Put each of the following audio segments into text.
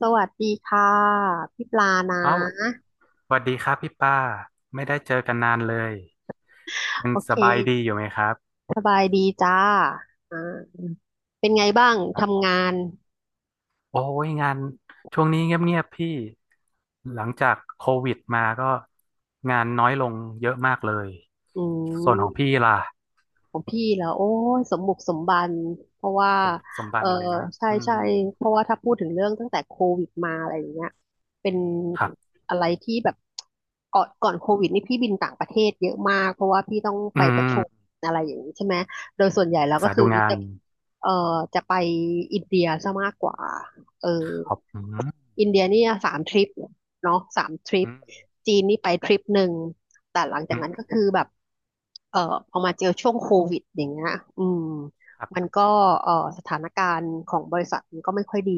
สวัสดีค่ะพี่ปลานเอ้าะสวัสดีครับพี่ป้าไม่ได้เจอกันนานเลยยังโอสเคบายดีอยู่ไหมครับสบายดีจ้าอ่าเป็นไงบ้างครัทำงาบนโอ้ยงานช่วงนี้เงียบๆพี่หลังจากโควิดมาก็งานน้อยลงเยอะมากเลยอืส่วนขม องพี่ล่ะของพี่แล้วโอ้ยสมบุกสมบันเพราะว่าสมสมบัเออติเลยนะใช่อืมใช่เพราะว่าถ้าพูดถึงเรื่องตั้งแต่โควิดมาอะไรอย่างเงี้ยเป็นครับอะไรที่แบบก่อนโควิดนี่พี่บินต่างประเทศเยอะมากเพราะว่าพี่ต้องอืไปประชุมมอะไรอย่างนี้ใช่ไหมโดยส่วนใหญ่แล้ศึวกก็ษาคืดูองาจะนเออจะไปอินเดียซะมากกว่าเออครับอืมอินเดียนี่สามทริปเนาะสามทริปอืมจีนนี่ไปทริปหนึ่ง แต่หลังจาอืกมนั้นก็คือแบบเอ่อพอมาเจอช่วงโควิดอย่างเงี้ยอืมครัมันบก็เอ่อสถานการณ์ของบริษัทมันก็ไม่ค่อยดี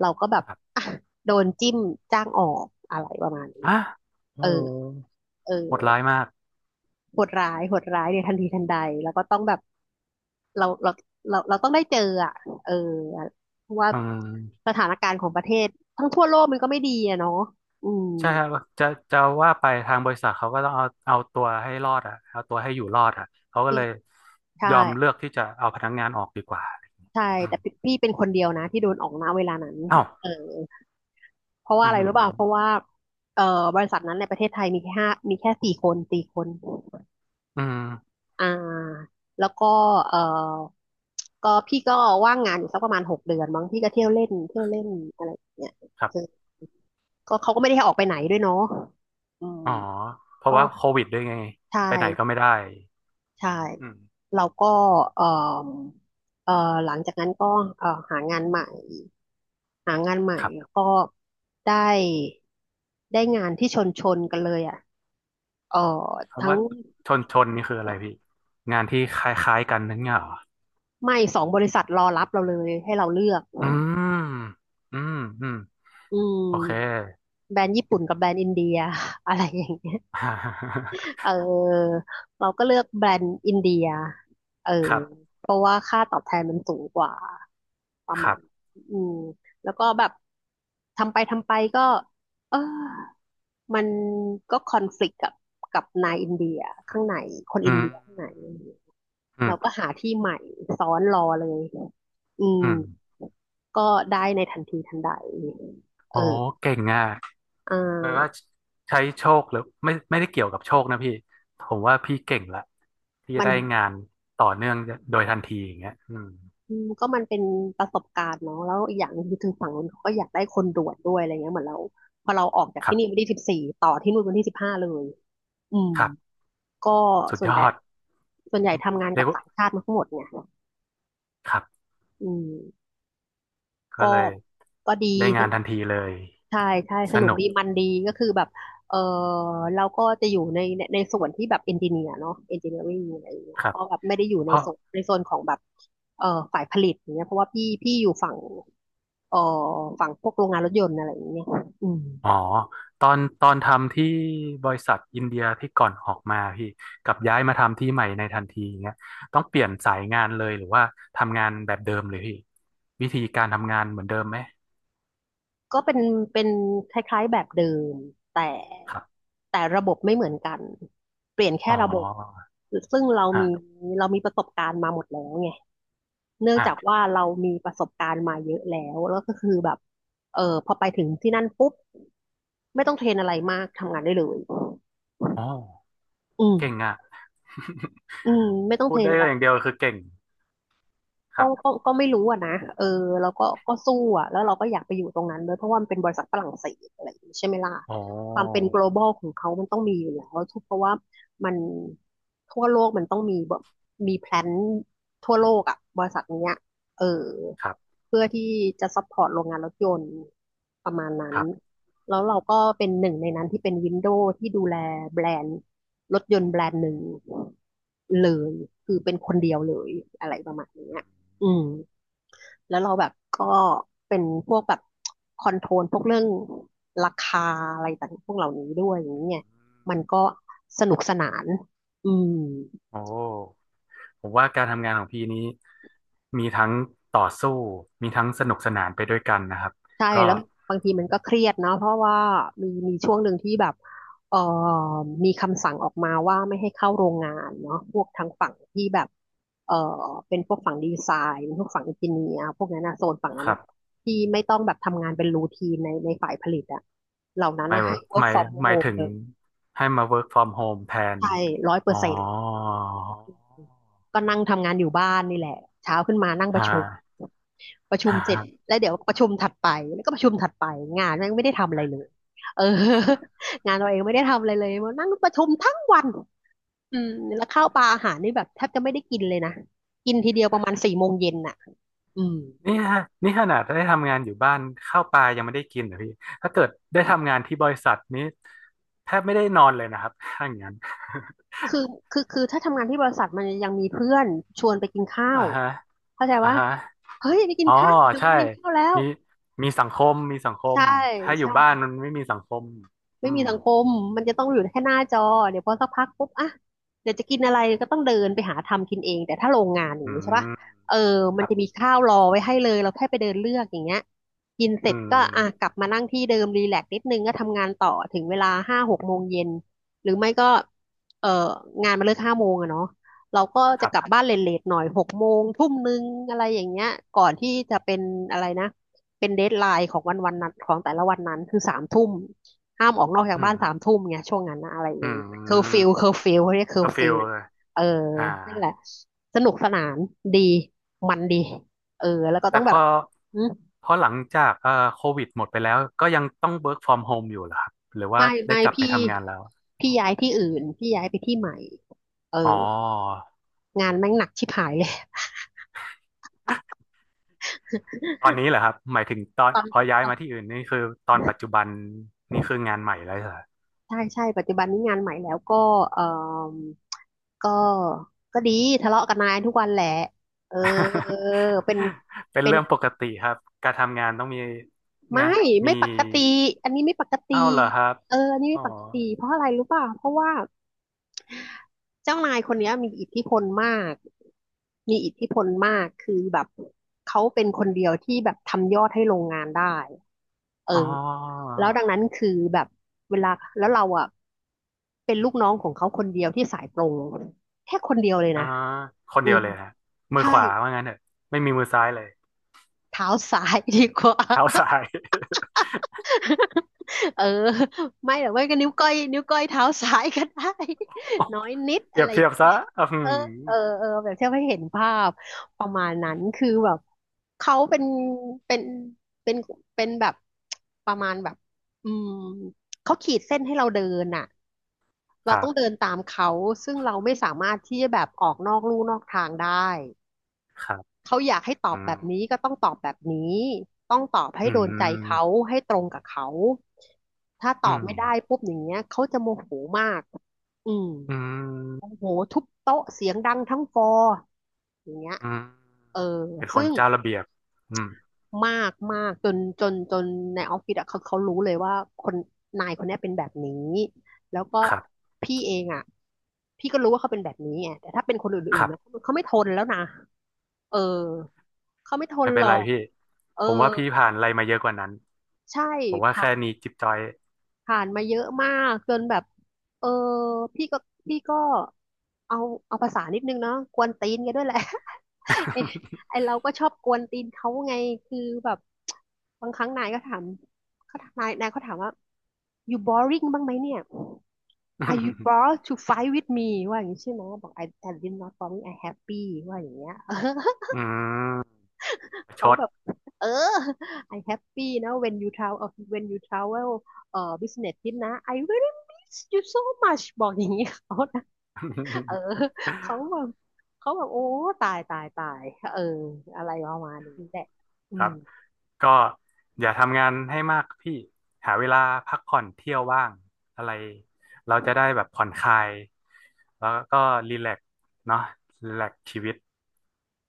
เราก็แบบครับอ่ะโดนจิ้มจ้างออกอะไรประมาณนี้อ่ะโอ้เออโหเออโหดร้ายมากโหดร้ายโหดร้ายในทันทีทันใดแล้วก็ต้องแบบเราเราเราต้องได้เจออ่ะเออเพราะว่าอืม สถานการณ์ของประเทศทั้งทั่วโลกมันก็ไม่ดีอะเนาะอืมใช่ครับจะจะว่าไปทางบริษัทเขาก็ต้องเอาเอาตัวให้รอดอ่ะเอาตัวให้อยู่รอดอ่ะเขาก็เลยยใช่ อมเลือกที่จะเอาพนักงานออกดีกว่าใช่อืมแต่พี่เป็นคนเดียวนะที่โดนออกณเวลานั้นเอ้าเออเพราะว่าอือะมไรอรู้ป่ะเพราะว่าเอ่อบริษัทนั้นในประเทศไทยมีแค่ห้ามีแค่สี่คนสี่คนอืมอ่าแล้วก็เอ่อก็พี่ก็ว่างงานอยู่สักประมาณ6 เดือนบางพี่ก็เที่ยวเล่นเที่ยวเล่นอะไรอย่างเงี้ยครัเออบก็เขาก็ไม่ได้ให้ออกไปไหนด้วยเนาะอืมอ๋อเพราะก็ว่าโควิดด้วยไงใชไปไหนก็่ไม่ได้ใช่อืมเราก็เอ่อเอ่อหลังจากนั้นก็หางานใหม่ หางานใหม่ครับก็ได้ได้งานที่ชนชนกันเลยอ่ะเออคำทั้งว่าชนชนนี่คืออะไรพี่งานที่คล้ายๆกันนั่นเหรอไม่2 บริษัทรอรับเราเลยให้เราเลือกอืมอืมอืมอืโอมเค แบรนด์ญี่ปุ่นกับแบรนด์อินเดีย อะไรอย่างเงี้ยเ ออเราก็เลือกแบรนด์อินเดียเออครับเพราะว่าค่าตอบแทนมันสูงกว่าประคมารัณบอืมแล้วก็แบบทำไปทำไปก็เออ มันก็คอนฟ lict กับนายอินเดียข้างในคนอิอืนมเดียข้างในอืมเราก็หาที่ใหม่ซ้อนรอเลยอือืมมก็ได้ในทันทีทันใดเอโอ้อเก่งอ่ะ อ่าแปลว่าใช้โชคหรือไม่ไม่ได้เกี่ยวกับโชคนะพี่ผมว่าพี่เก่งละที่จะมันได้งานต่อเนื่องโดยทันทีอย่างเงี้ยอืมก็มันเป็นประสบการณ์เนาะแล้วอีกอย่างหนึงคือถึงฝั่งนู้นเขาก็อยากได้คนด่วนด้วยอะไรเงี้ยเหมือนเราพอเราออกจากคที่รันี่วับนที่สิบสี่ต่อที่นู่นวันที่ 15เลยอืมครับก็สุดส่วยนใหญ่อดส่วนใหญ่ทำงานเรีกัยกบว่าต่างชาติมาทั้งหมดเนี่ยครับอืมก็ก็เลยก็ดีได้สงานนุทัก นทีเลยใช่ใช่สสนุกนุกดีมันดีก็คือแบบเออเราก็จะอยู่ในส่วนที่แบบเอนจิเนียร์เนาะเอนจิเนียริงอะไรอย่างเงี้ยครับก็แบบไม่ได้อยู่เพในราะโซนในโซนของแบบเออฝ่ายผลิตอย่างเงี้ยเพราะว่าพี่อยู่ฝั่งเออฝั่งพวกโรงงานรถยนต์อะไรอย่างเงี้ยอืมอ๋อตอนตอนทำที่บริษัทอินเดียที่ก่อนออกมาพี่กับย้ายมาทำที่ใหม่ในทันทีอย่างเงี้ยต้องเปลี่ยนสายงานเลยหรือว่าทำงานแบบเดิมเลยพี่วิธีการทำงานเหมือนเดิมไหมก็เป็นคล้ายๆแบบเดิมแต่ครับแต่ระบบไม่เหมือนกันเปลี่ยนอ๋แค่ระบบอซึ่งเรามีอ่า เรามีประสบการณ์มาหมดแล้วไง เนื่องอ่ะจากว่าเรามีประสบการณ์มาเยอะแล้วแล้วก็คือแบบ พอไปถึงที่นั่นปุ๊บไม่ต้องเทรนอะไรมากทำงานได้เลย อ๋ออืเก่งมอ่ะ อืมไม่ต้อ งพูเทรดนได้อะไร อย่างเดียวคือเก่ง คก็รัก็บ ก็ไม่รู้อะนะแล้วก็ก็สู้อะแล้วเราก็อยากไปอยู่ตรงนั้นด้วยเพราะว่ามันเป็นบริษัทฝรั่งเศสอะไรอย่างนี้ใช่ไหมล่ะโอ้ ความเป็น global ของเขามันต้องมีอยู่แล้วทุกเพราะว่ามันทั่วโลกมันต้องมีแบบมีแพลนทั่วโลกอะบริษัทเนี้ยเออครับ เพื่อที่จะซัพพอร์ตโรงงานรถยนต์ประมาณนั้นครับแล้วเราก็เป็นหนึ่งในนั้นที่เป็นวินโดว์ที่ดูแลแบรนด์รถยนต์แบรนด์หนึ่งเลยคือเป็นคนเดียวเลยอะไรประมาณเนี้อืย มอืมแล้วเราแบบก็เป็นพวกแบบคอนโทรลพวกเรื่องราคาอะไรต่างๆพวกเหล่านี้ด้วยอย่างอืเงี้ยมมันก็สนุกสนานอืม โอ้ ผมว่าการทำงานของพี่นี้มีทั้งต่อสู้ มีทั้งสนุกสนานไปด้วยกันนะครับ ใช่ก็ แล้วบางทีมันก็เครียดเนาะเพราะว่ามีช่วงหนึ่งที่แบบเอ่อมีคำสั่งออกมาว่าไม่ให้เข้าโรงงานเนาะพวกทางฝั่งที่แบบเอ่อเป็นพวกฝั่งดีไซน์พวกฝั่งอินจิเนียร์พวกนั้นนะโซนฝั่งนั้คนรันะบที่ไม่ต้องแบบทำงานเป็นรูทีนในฝ่ายผลิตอะเหล่านั้นหมายนะให้ ห work มาย from หมาย home ถึงเลยให้มา work from home แทนใช่ร้อยเปออ๋อร์เซ็นต์ก็นั่งทำงานอยู่บ้านนี่แหละเช้าขึ้นมานั่งประฮะ ชุม ประชุมเสร็จ แล้วเดี๋ยวประชุมถัดไปแล้วก็ประชุมถัดไปงานแม่งไม่ได้ทำอะไรเลยเออ งานเราเองไม่ได้ทำอะไรเลยมานั่งประชุมทั้งวันอืมแล้วข้าวปลาอาหารนี่แบบแทบจะไม่ได้กินเลยนะกินทีเดียวประมาณสี่โมงเย็นน่ะอืมนี่ฮะนี่ขนาดได้ทำงานอยู่บ้านข้าวปลายังไม่ได้กินนะพี่ถ้าเกิดได้ทำงานที่บริษัทนี้แทบไม่ได้นอนเลยนะครับถ้าอย่างนั้น คือคือถ้าทำงานที่บริษัทมันยังมีเพื่อนชวนไปกินข้า อ่าวฮะเข้าใจอ่าว่าฮะเฮ้ยไปกินอ๋อข้าวถึงเวใช่ลากินข้าวแล้วมีมีสังคมมีสังคมใช่ถ้าอยู่ใช่ บ้านมันไม่มีสังคมอืไม่มีมสังคมมันจะต้องอยู่แค่หน้าจอ เดี๋ยวพอสักพักปุ๊บอ่ะเดี๋ยวจะกินอะไรก็ต้องเดินไปหาทำกินเอง แต่ถ้าโรงงานอย่าอืงนี้ใช่ปะมเออคมันรับจะมีข้าวรอไว้ให้เลย เราแค่ไปเดินเลือกอย่างเงี้ย กินเสอืร็จก็อ่ะกมลับมานั่งที่เดิมรีแลกซ์นิดนึงก็ทำงานต่อถึงเวลาห้าหกโมงเย็นหรือไม่ก็เอองานมาเลิกห้าโมงอะเนาะเราก็คจะรักบลับบ้านเลทๆหน่อยหกโมงทุ่มนึงอะไรอย่างเงี้ยก่อนที่จะเป็นอะไรนะเป็นเดดไลน์ของวันวันนั้นของแต่ละวันนั้นคือสามทุ่ม ห้ามออกนอกจากอืบ้านสามมทุ่มไงยช่วงนั้นนะอะไรออืย่างเงี้ยเคอร์ฟิวมเคอร์ฟิวเขาเรียกเคอเคอร์ร์ฟิฟิววเลยเอออ่า นั่นแหละสนุกสนานดีมันดีเออแล้วก็แต่ต้องพแบบอหึพอหลังจากโควิดหมดไปแล้วก็ยังต้อง work from home อยู่เหรอครับหรือว่าไม่ได้ไม่กลับไปพี่ทำงานแล้วพี่ย้ายที่อื่นพี่ย้ายไปที่ใหม่เออ๋อองานแม่งหนักชิบหาย เลยตอนนี้เหรอครับหมายถึงตอนตอนพอย้าตยอนมาที่อื่นนี่คือตอนปัจจุบันนี่คืองานใหม่แล้วเหรอ ใช่ใช่ปัจจุบันนี้งานใหม่แล้วก็เออก็ก็ดีทะเลาะกับนายทุกวันแหละเออ เป็นเป็นเป็น เรื่องปกติครับการทำงานต้องมีไม่นะมีไม่ปกติอันนี้ไม่ปกติเอ้าเหรอครับเอออันนี้อ๋ไม่อปกติเพราะอะไรรู้ป่ะเพราะว่าเจ้านายคนเนี้ยมีอิทธิพลมากมีอิทธิพลมากคือแบบเขาเป็นคนเดียวที่แบบทำยอดให้โรงงานได้เอออ๋อแล้วดังนั้นคือแบบเวลาแล้วเราอ่ะเป็นลูกน้องของเขาคนเดียวที่สายตรงแค่คนเดียวเลยอ๋อนะคนอืเดียวมเลยฮะมือใช่ขวาว่างั้นเถอะไม่มีมือซ้ายเลยเท้าซ้ายดีกว่า เท้าซ้าย เออไม่หรอกไม่ก็นิ้วก้อยนิ้วก้อยเท้าซ้ายก็ได้ น้อยนิด เปอะรียไรบเทียบซะอืเออมเออแบบเที่ยวให้เห็นภาพประมาณนั้นคือแบบเขาเป็นเป็นเป็นแบบประมาณแบบอืมเขาขีดเส้นให้เราเดินน่ะคเรารัต้องเดิบนตามเขาซึ่งเราไม่สามารถที่จะแบบออกนอกลู่นอกทางได้ ครับเขาอยากให้ตออืบแบมบนี้ก็ต้องตอบแบบนี้ ต้องตอบให้อืโดนใจเขา มให้ตรงกับเขา ถ้าตอือบมไม่ได้ปุ๊บอย่างเงี้ยเขาจะโมโหมากอืมอืโมโหมทุบโต๊ะเสียงดังทั้งฟลอร์อย่างเงี้ยอืมเออเป็นคซึ่นง เจ้าระเบียบอืมมากมากจนจนจนในออฟฟิศอะเขารู้เลยว่าคนนายคนเนี้ยเป็นแบบนี้แล้วก็ครับพี่เองอะพี่ก็รู้ว่าเขาเป็นแบบนี้ไงแต่ถ้าเป็นคนคอื่นรัๆนะบเขาไม่ทนแล้วนะเออเขาไม่ทไม่นเป็หนรไรอกพี่เออผมว่าพี่ผ่านอะไรมาเยอะกว่านั้นใช่ผมว่าผ่าแค่น นี้จิ๊บจอย ผ่านมาเยอะมากจนแบบเออพี่ก็พี่ก็เอาเอาภาษานิดนึงเนาะกวนตีนกันด้วยแหละ ไอ้ไอเราก็ชอบกวนตีนเขาไงคือแบบบางครั้งนายก็ถามเขาถามนายนายเขาถามว่า you boring บ้างไหมเนี่ย are you bored to fight with me ว่าอย่างนี้ใช่ไหมบอก I did not boring I happy ว่าอย่างเงี้ย อืมประชเขาด แบบเออ I happy นะ when you travel เอ่อ business trip นะ I really miss you so much บอกอย่างนี้เขานะเออ เขาแบบเขาแบบโอ้ตายเอออะไรประมาณนี้แหละอืครัมบก็อย่าทำงานให้มากพี่หาเวลาพักผ่อนเที่ยวว่างอะไรเราจะได้แบบผ่อนคลายแล้วก็รีแลกซ์เนาะรีแลกซ์ชีวิต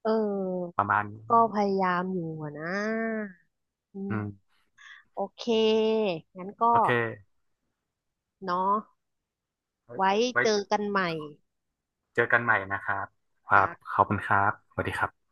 เออประมาณนี้ก็พยายามอยู่อะนะอืมอืมโอเคงั้นก็โอเคเนาะไว้ไว้ไว้เจอกันใหม่เจอกันใหม่นะครับครัจ้าบขอบคุณครับสวัสดีครับ